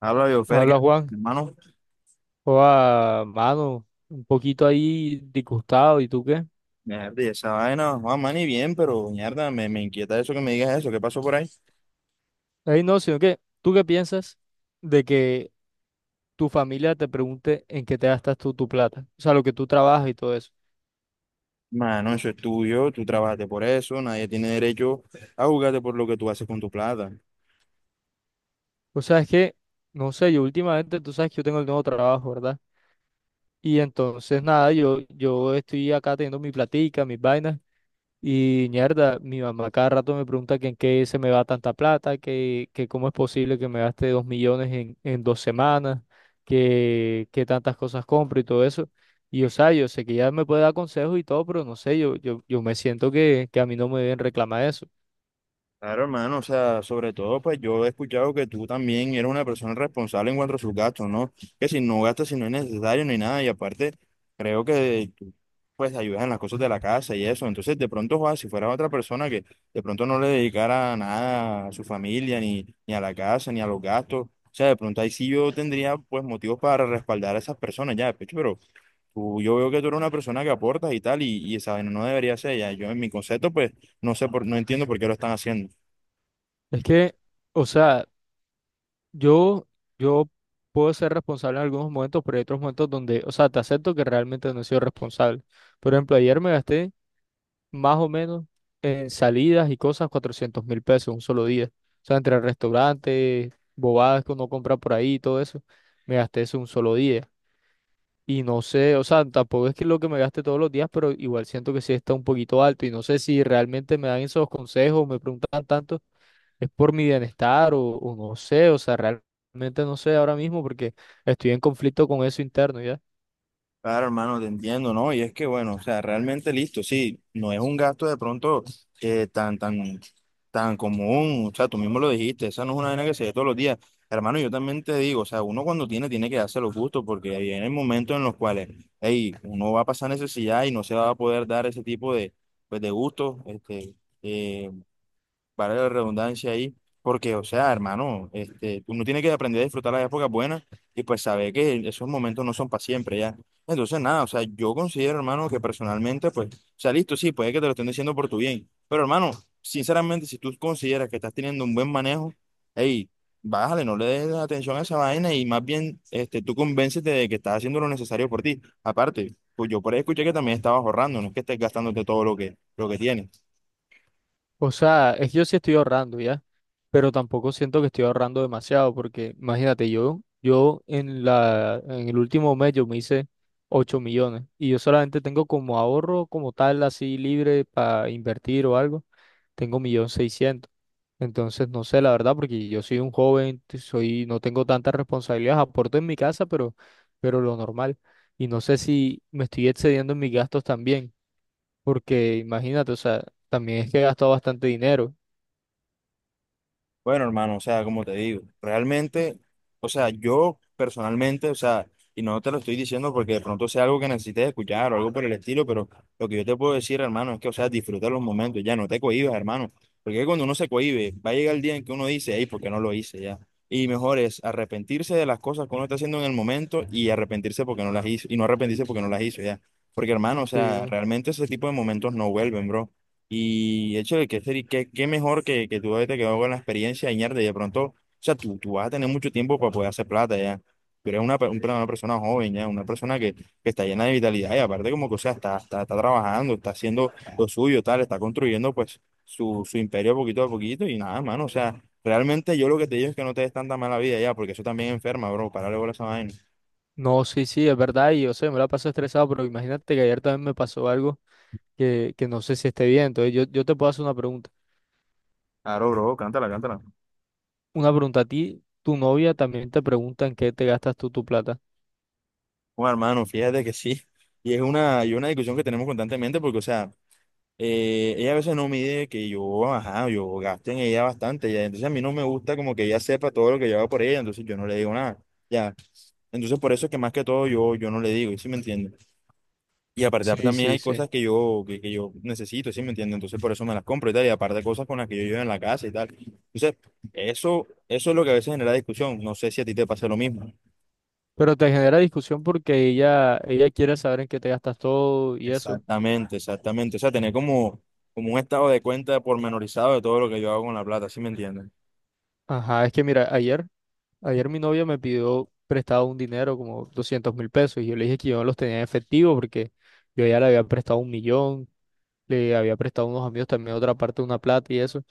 Habla yo, Fer, que, Habla Juan, hermano, o a mano, un poquito ahí disgustado, ¿y tú qué? mierda, y esa vaina, Juan, man, y bien, pero mierda, me inquieta eso que me digas eso, ¿qué pasó por ahí? Ahí no, sino que, ¿tú qué piensas de que tu familia te pregunte en qué te gastas tú tu plata? O sea, lo que tú trabajas y todo eso. Mano, eso es tuyo, tú trabajaste por eso, nadie tiene derecho a juzgarte por lo que tú haces con tu plata. O sea, es que, no sé, yo últimamente, tú sabes que yo tengo el nuevo trabajo, ¿verdad? Y entonces, nada, yo estoy acá teniendo mi platica, mis vainas. Y mierda, mi mamá cada rato me pregunta que en qué se me va tanta plata, que cómo es posible que me gaste 2.000.000 en dos semanas, que tantas cosas compro y todo eso. Y o sea, yo sé que ella me puede dar consejos y todo, pero no sé, yo me siento que a mí no me deben reclamar eso. Claro, hermano, o sea, sobre todo, pues yo he escuchado que tú también eres una persona responsable en cuanto a sus gastos, ¿no? Que si no gastas, si no es necesario, ni nada, y aparte, creo que tú, pues ayudas en las cosas de la casa y eso. Entonces, de pronto, Juan, si fueras otra persona que de pronto no le dedicara nada a su familia, ni a la casa, ni a los gastos, o sea, de pronto ahí sí yo tendría, pues, motivos para respaldar a esas personas ya, de pecho, pero tú, yo veo que tú eres una persona que aportas y tal, y esa vaina no debería ser ya. Yo, en mi concepto, pues, no entiendo por qué lo están haciendo. Es que, o sea, yo, yo puedo ser responsable en algunos momentos, pero hay otros momentos donde, o sea, te acepto que realmente no he sido responsable. Por ejemplo, ayer me gasté más o menos en salidas y cosas $400.000 un solo día. O sea, entre restaurantes, bobadas que uno compra por ahí y todo eso, me gasté eso un solo día. Y no sé, o sea, tampoco es que lo que me gaste todos los días, pero igual siento que sí está un poquito alto y no sé si realmente me dan esos consejos, me preguntan tanto, es por mi bienestar o no sé, o sea, realmente no sé ahora mismo porque estoy en conflicto con eso interno, ¿ya? Claro, hermano, te entiendo, ¿no? Y es que, bueno, o sea, realmente listo, sí, no es un gasto de pronto eh, tan, tan, tan común, o sea, tú mismo lo dijiste, esa no es una vaina que se ve todos los días. Hermano, yo también te digo, o sea, uno cuando tiene que darse los gustos, porque vienen momentos en los cuales, hey, uno va a pasar necesidad y no se va a poder dar ese tipo de, pues, de gustos, este, eh vale la redundancia ahí, porque, o sea, hermano, este, uno tiene que aprender a disfrutar las épocas buenas y pues saber que esos momentos no son para siempre ya. Entonces, nada, o sea, yo considero, hermano, que personalmente, pues, o sea, listo, sí, puede que te lo estén diciendo por tu bien, pero, hermano, sinceramente, si tú consideras que estás teniendo un buen manejo, hey, bájale, no le des atención a esa vaina y más bien, este, tú convéncete de que estás haciendo lo necesario por ti. Aparte, pues yo por ahí escuché que también estabas ahorrando, no es que estés gastándote todo lo que tienes. O sea, es que yo sí estoy ahorrando, ¿ya? Pero tampoco siento que estoy ahorrando demasiado, porque imagínate, yo en la, en el último mes yo me hice 8.000.000 y yo solamente tengo como ahorro como tal, así libre para invertir o algo, tengo 1.600.000. Entonces, no sé, la verdad, porque yo soy un joven, soy, no tengo tantas responsabilidades, aporto en mi casa, pero lo normal. Y no sé si me estoy excediendo en mis gastos también, porque imagínate, o sea, también es que he gastado bastante dinero. Bueno, hermano, o sea, como te digo, realmente, o sea, yo personalmente, o sea, y no te lo estoy diciendo porque de pronto sea algo que necesites escuchar o algo por el estilo, pero lo que yo te puedo decir, hermano, es que, o sea, disfruta los momentos, ya no te cohibas, hermano, porque cuando uno se cohíbe, va a llegar el día en que uno dice, hey, ¿por qué no lo hice ya? Y mejor es arrepentirse de las cosas que uno está haciendo en el momento y arrepentirse porque no las hizo, y no arrepentirse porque no las hizo ya. Porque, hermano, o sea, Sí. realmente ese tipo de momentos no vuelven, bro. Y hecho de que ser, y qué, qué mejor que tú haberte quedado con la experiencia y mierda, de pronto, o sea, tú vas a tener mucho tiempo para poder hacer plata ya. Tú eres una persona joven ya, una persona que está llena de vitalidad y aparte como que, o sea, está trabajando, está haciendo lo suyo, tal, está construyendo pues su imperio poquito a poquito y nada, mano, o sea, realmente yo lo que te digo es que no te des tanta mala vida ya, porque eso también enferma, bro, párale bola a esa vaina. No, sí, sí, es verdad, y yo sé, me la paso estresado, pero imagínate que ayer también me pasó algo que no sé si esté bien. Entonces, yo te puedo hacer una pregunta. Claro, bro, cántala, cántala. Una pregunta a ti, tu novia también te pregunta en qué te gastas tú tu plata. Bueno, hermano, fíjate que sí. Y es una, y una discusión que tenemos constantemente porque, o sea, ella a veces no mide que yo, ajá, yo gasto en ella bastante, ya. Entonces a mí no me gusta como que ella sepa todo lo que yo hago por ella, entonces yo no le digo nada, ya. Entonces por eso es que más que todo yo, yo no le digo, ¿sí me entiende? Y aparte Sí, también sí, hay sí. cosas que yo necesito, ¿sí me entiende? Entonces por eso me las compro y tal, y aparte cosas con las que yo llevo en la casa y tal. Entonces, eso es lo que a veces genera discusión. No sé si a ti te pasa lo mismo. Pero te genera discusión porque ella quiere saber en qué te gastas todo y eso. Exactamente, exactamente. O sea, como un estado de cuenta pormenorizado de todo lo que yo hago con la plata, ¿sí me entiendes? Ajá, es que mira, ayer, ayer mi novia me pidió prestado un dinero, como $200.000, y yo le dije que yo no los tenía en efectivo porque yo ya le había prestado 1.000.000, le había prestado a unos amigos también otra parte de una plata y eso.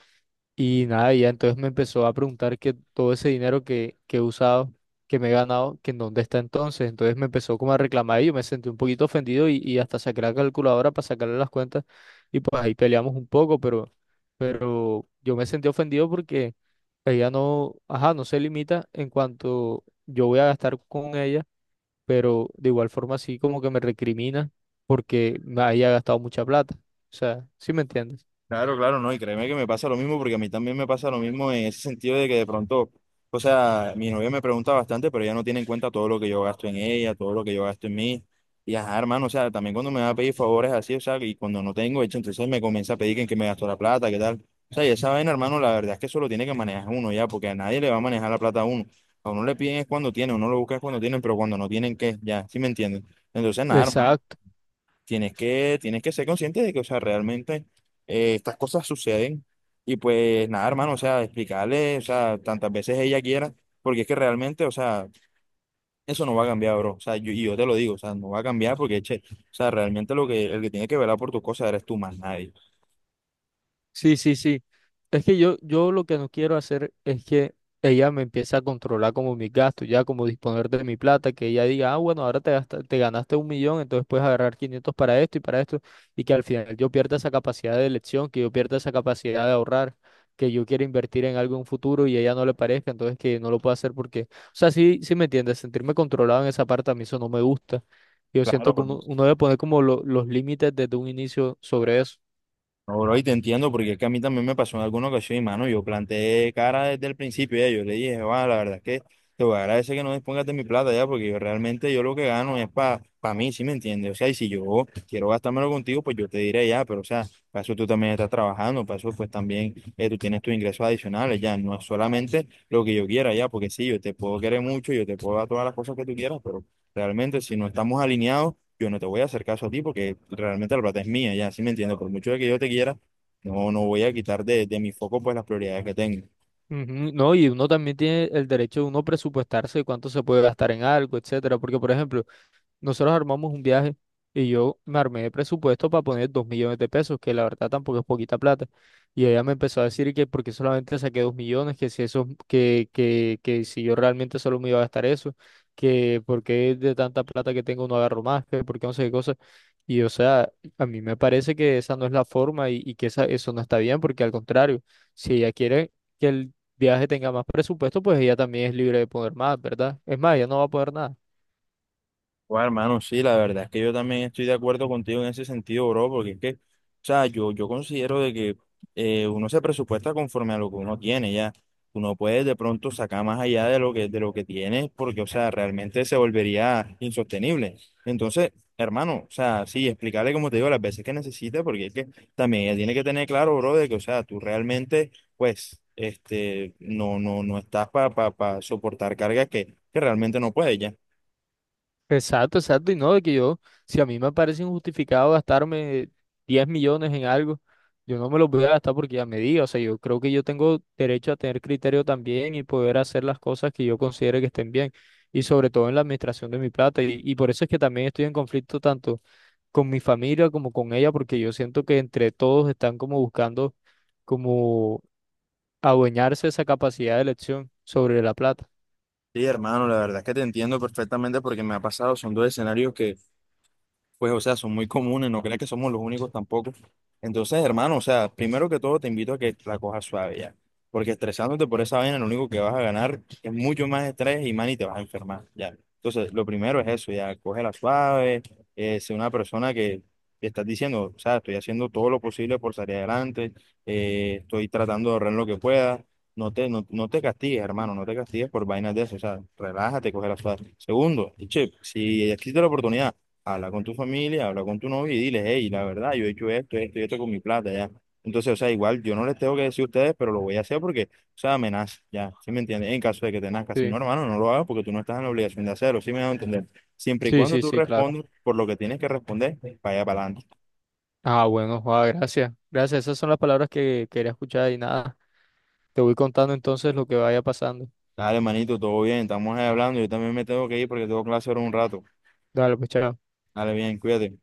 Y nada, y ya entonces me empezó a preguntar que todo ese dinero que he usado, que me he ganado, que en dónde está entonces. Entonces me empezó como a reclamar y yo me sentí un poquito ofendido y hasta saqué la calculadora para sacarle las cuentas y pues ahí peleamos un poco, pero yo me sentí ofendido porque ella no, ajá, no se limita en cuanto yo voy a gastar con ella, pero de igual forma sí como que me recrimina porque me haya gastado mucha plata. O sea, ¿sí me entiendes? Claro, claro, no, y créeme que me pasa lo mismo, porque a mí también me pasa lo mismo en ese sentido de que de pronto, o sea, mi novia me pregunta bastante, pero ella no tiene en cuenta todo lo que yo gasto en ella, todo lo que yo gasto en mí, y ajá, hermano, o sea, también cuando me va a pedir favores así, o sea, y cuando no tengo hecho, entonces me comienza a pedir que en qué me gasto la plata, qué tal, o sea, y esa vaina, hermano, la verdad es que eso lo tiene que manejar uno ya, porque a nadie le va a manejar la plata a uno le piden es cuando tiene, uno lo busca es cuando tienen, pero cuando no tienen, ¿qué? Ya, ¿sí me entienden? Entonces, nada, hermano, Exacto. Tienes que ser consciente de que, o sea, realmente estas cosas suceden. Y pues nada, hermano, o sea, explicarle, o sea, tantas veces ella quiera, porque es que realmente, o sea, eso no va a cambiar, bro. O sea, yo, y yo te lo digo, o sea, no va a cambiar porque, che, o sea, realmente lo que, el que tiene que velar por tus cosas eres tú más nadie. Sí, sí, sí. Es que yo lo que no quiero hacer es que ella me empiece a controlar como mis gastos, ya como disponer de mi plata, que ella diga, ah, bueno, ahora te ganaste un millón, entonces puedes agarrar 500 para esto, y que al final yo pierda esa capacidad de elección, que yo pierda esa capacidad de ahorrar, que yo quiera invertir en algo en un futuro y a ella no le parezca, entonces que no lo pueda hacer porque, o sea, sí, sí me entiendes, sentirme controlado en esa parte a mí eso no me gusta. Yo Claro, siento que uno, uno debe poner como los límites desde un inicio sobre eso. no, bro, y te entiendo, porque es que a mí también me pasó en alguna ocasión, y mano, yo planteé cara desde el principio, ya, yo le dije, va, la verdad es que te voy a agradecer que no dispongas de mi plata ya, porque yo realmente yo lo que gano es para mí, ¿sí me entiendes? O sea, y si yo quiero gastármelo contigo, pues yo te diré ya, pero o sea, para eso tú también estás trabajando, para eso pues también tú tienes tus ingresos adicionales, ya, no es solamente lo que yo quiera ya, porque sí, yo te puedo querer mucho, yo te puedo dar todas las cosas que tú quieras, pero realmente si no estamos alineados, yo no te voy a hacer caso a ti porque realmente la plata es mía, ya, sí me entiendo, por mucho de que yo te quiera, no voy a quitar de mi foco pues las prioridades que tengo. Ujú. No, y uno también tiene el derecho de uno presupuestarse cuánto se puede gastar en algo, etcétera. Porque, por ejemplo, nosotros armamos un viaje y yo me armé de presupuesto para poner 2.000.000 de pesos, que la verdad tampoco es poquita plata. Y ella me empezó a decir que porque solamente saqué 2.000.000, que si eso, que si yo realmente solo me iba a gastar eso, que porque de tanta plata que tengo no agarro más, que porque no sé qué cosa. Y o sea, a mí me parece que esa no es la forma y que esa, eso no está bien, porque al contrario, si ella quiere que el viaje tenga más presupuesto, pues ella también es libre de poner más, ¿verdad? Es más, ella no va a poner nada. Bueno, hermano, sí, la verdad es que yo también estoy de acuerdo contigo en ese sentido, bro, porque es que, o sea, yo considero de que uno se presupuesta conforme a lo que uno tiene, ya. Uno puede de pronto sacar más allá de de lo que tiene, porque, o sea, realmente se volvería insostenible. Entonces, hermano, o sea, sí, explicarle como te digo las veces que necesita, porque es que también ella tiene que tener claro, bro, de que, o sea, tú realmente, pues, este, no estás para soportar cargas que realmente no puedes, ya. Exacto, exacto. Y no, de que yo, si a mí me parece injustificado gastarme 10.000.000 en algo, yo no me los voy a gastar porque ya me diga. O sea, yo creo que yo tengo derecho a tener criterio también y poder hacer las cosas que yo considere que estén bien. Y sobre todo en la administración de mi plata. Y por eso es que también estoy en conflicto tanto con mi familia como con ella, porque yo siento que entre todos están como buscando como adueñarse esa capacidad de elección sobre la plata. Sí, hermano, la verdad es que te entiendo perfectamente porque me ha pasado, son dos escenarios que, pues, o sea, son muy comunes, no creas que somos los únicos tampoco. Entonces, hermano, o sea, primero que todo te invito a que la cojas suave ya, porque estresándote por esa vaina, lo único que vas a ganar es mucho más estrés y, man, y te vas a enfermar, ya. Entonces, lo primero es eso, ya, cógela suave, sé una persona que te estás diciendo, o sea, estoy haciendo todo lo posible por salir adelante, estoy tratando de ahorrar lo que pueda, no te castigues, hermano, no te castigues por vainas de eso, o sea, relájate, cógela suave. Segundo, y che, si existe la oportunidad, habla con tu familia, habla con tu novio y diles, hey, la verdad, yo he hecho esto, esto y esto con mi plata, ya. Entonces, o sea, igual yo no les tengo que decir a ustedes, pero lo voy a hacer porque, o sea, me nace, ya, ¿sí me entiendes? En caso de que te nazca, si no, Sí, hermano, no lo hagas porque tú no estás en la obligación de hacerlo, ¿sí me a entender? Siempre y sí, cuando sí, tú sí, claro. respondas por lo que tienes que responder, vaya para adelante. Ah, bueno, Juan, gracias. Gracias, esas son las palabras que quería escuchar y nada. Te voy contando entonces lo que vaya pasando. Dale, manito, todo bien, estamos ahí hablando, yo también me tengo que ir porque tengo clase ahora un rato. Dale, pues chao. Dale, bien, cuídate.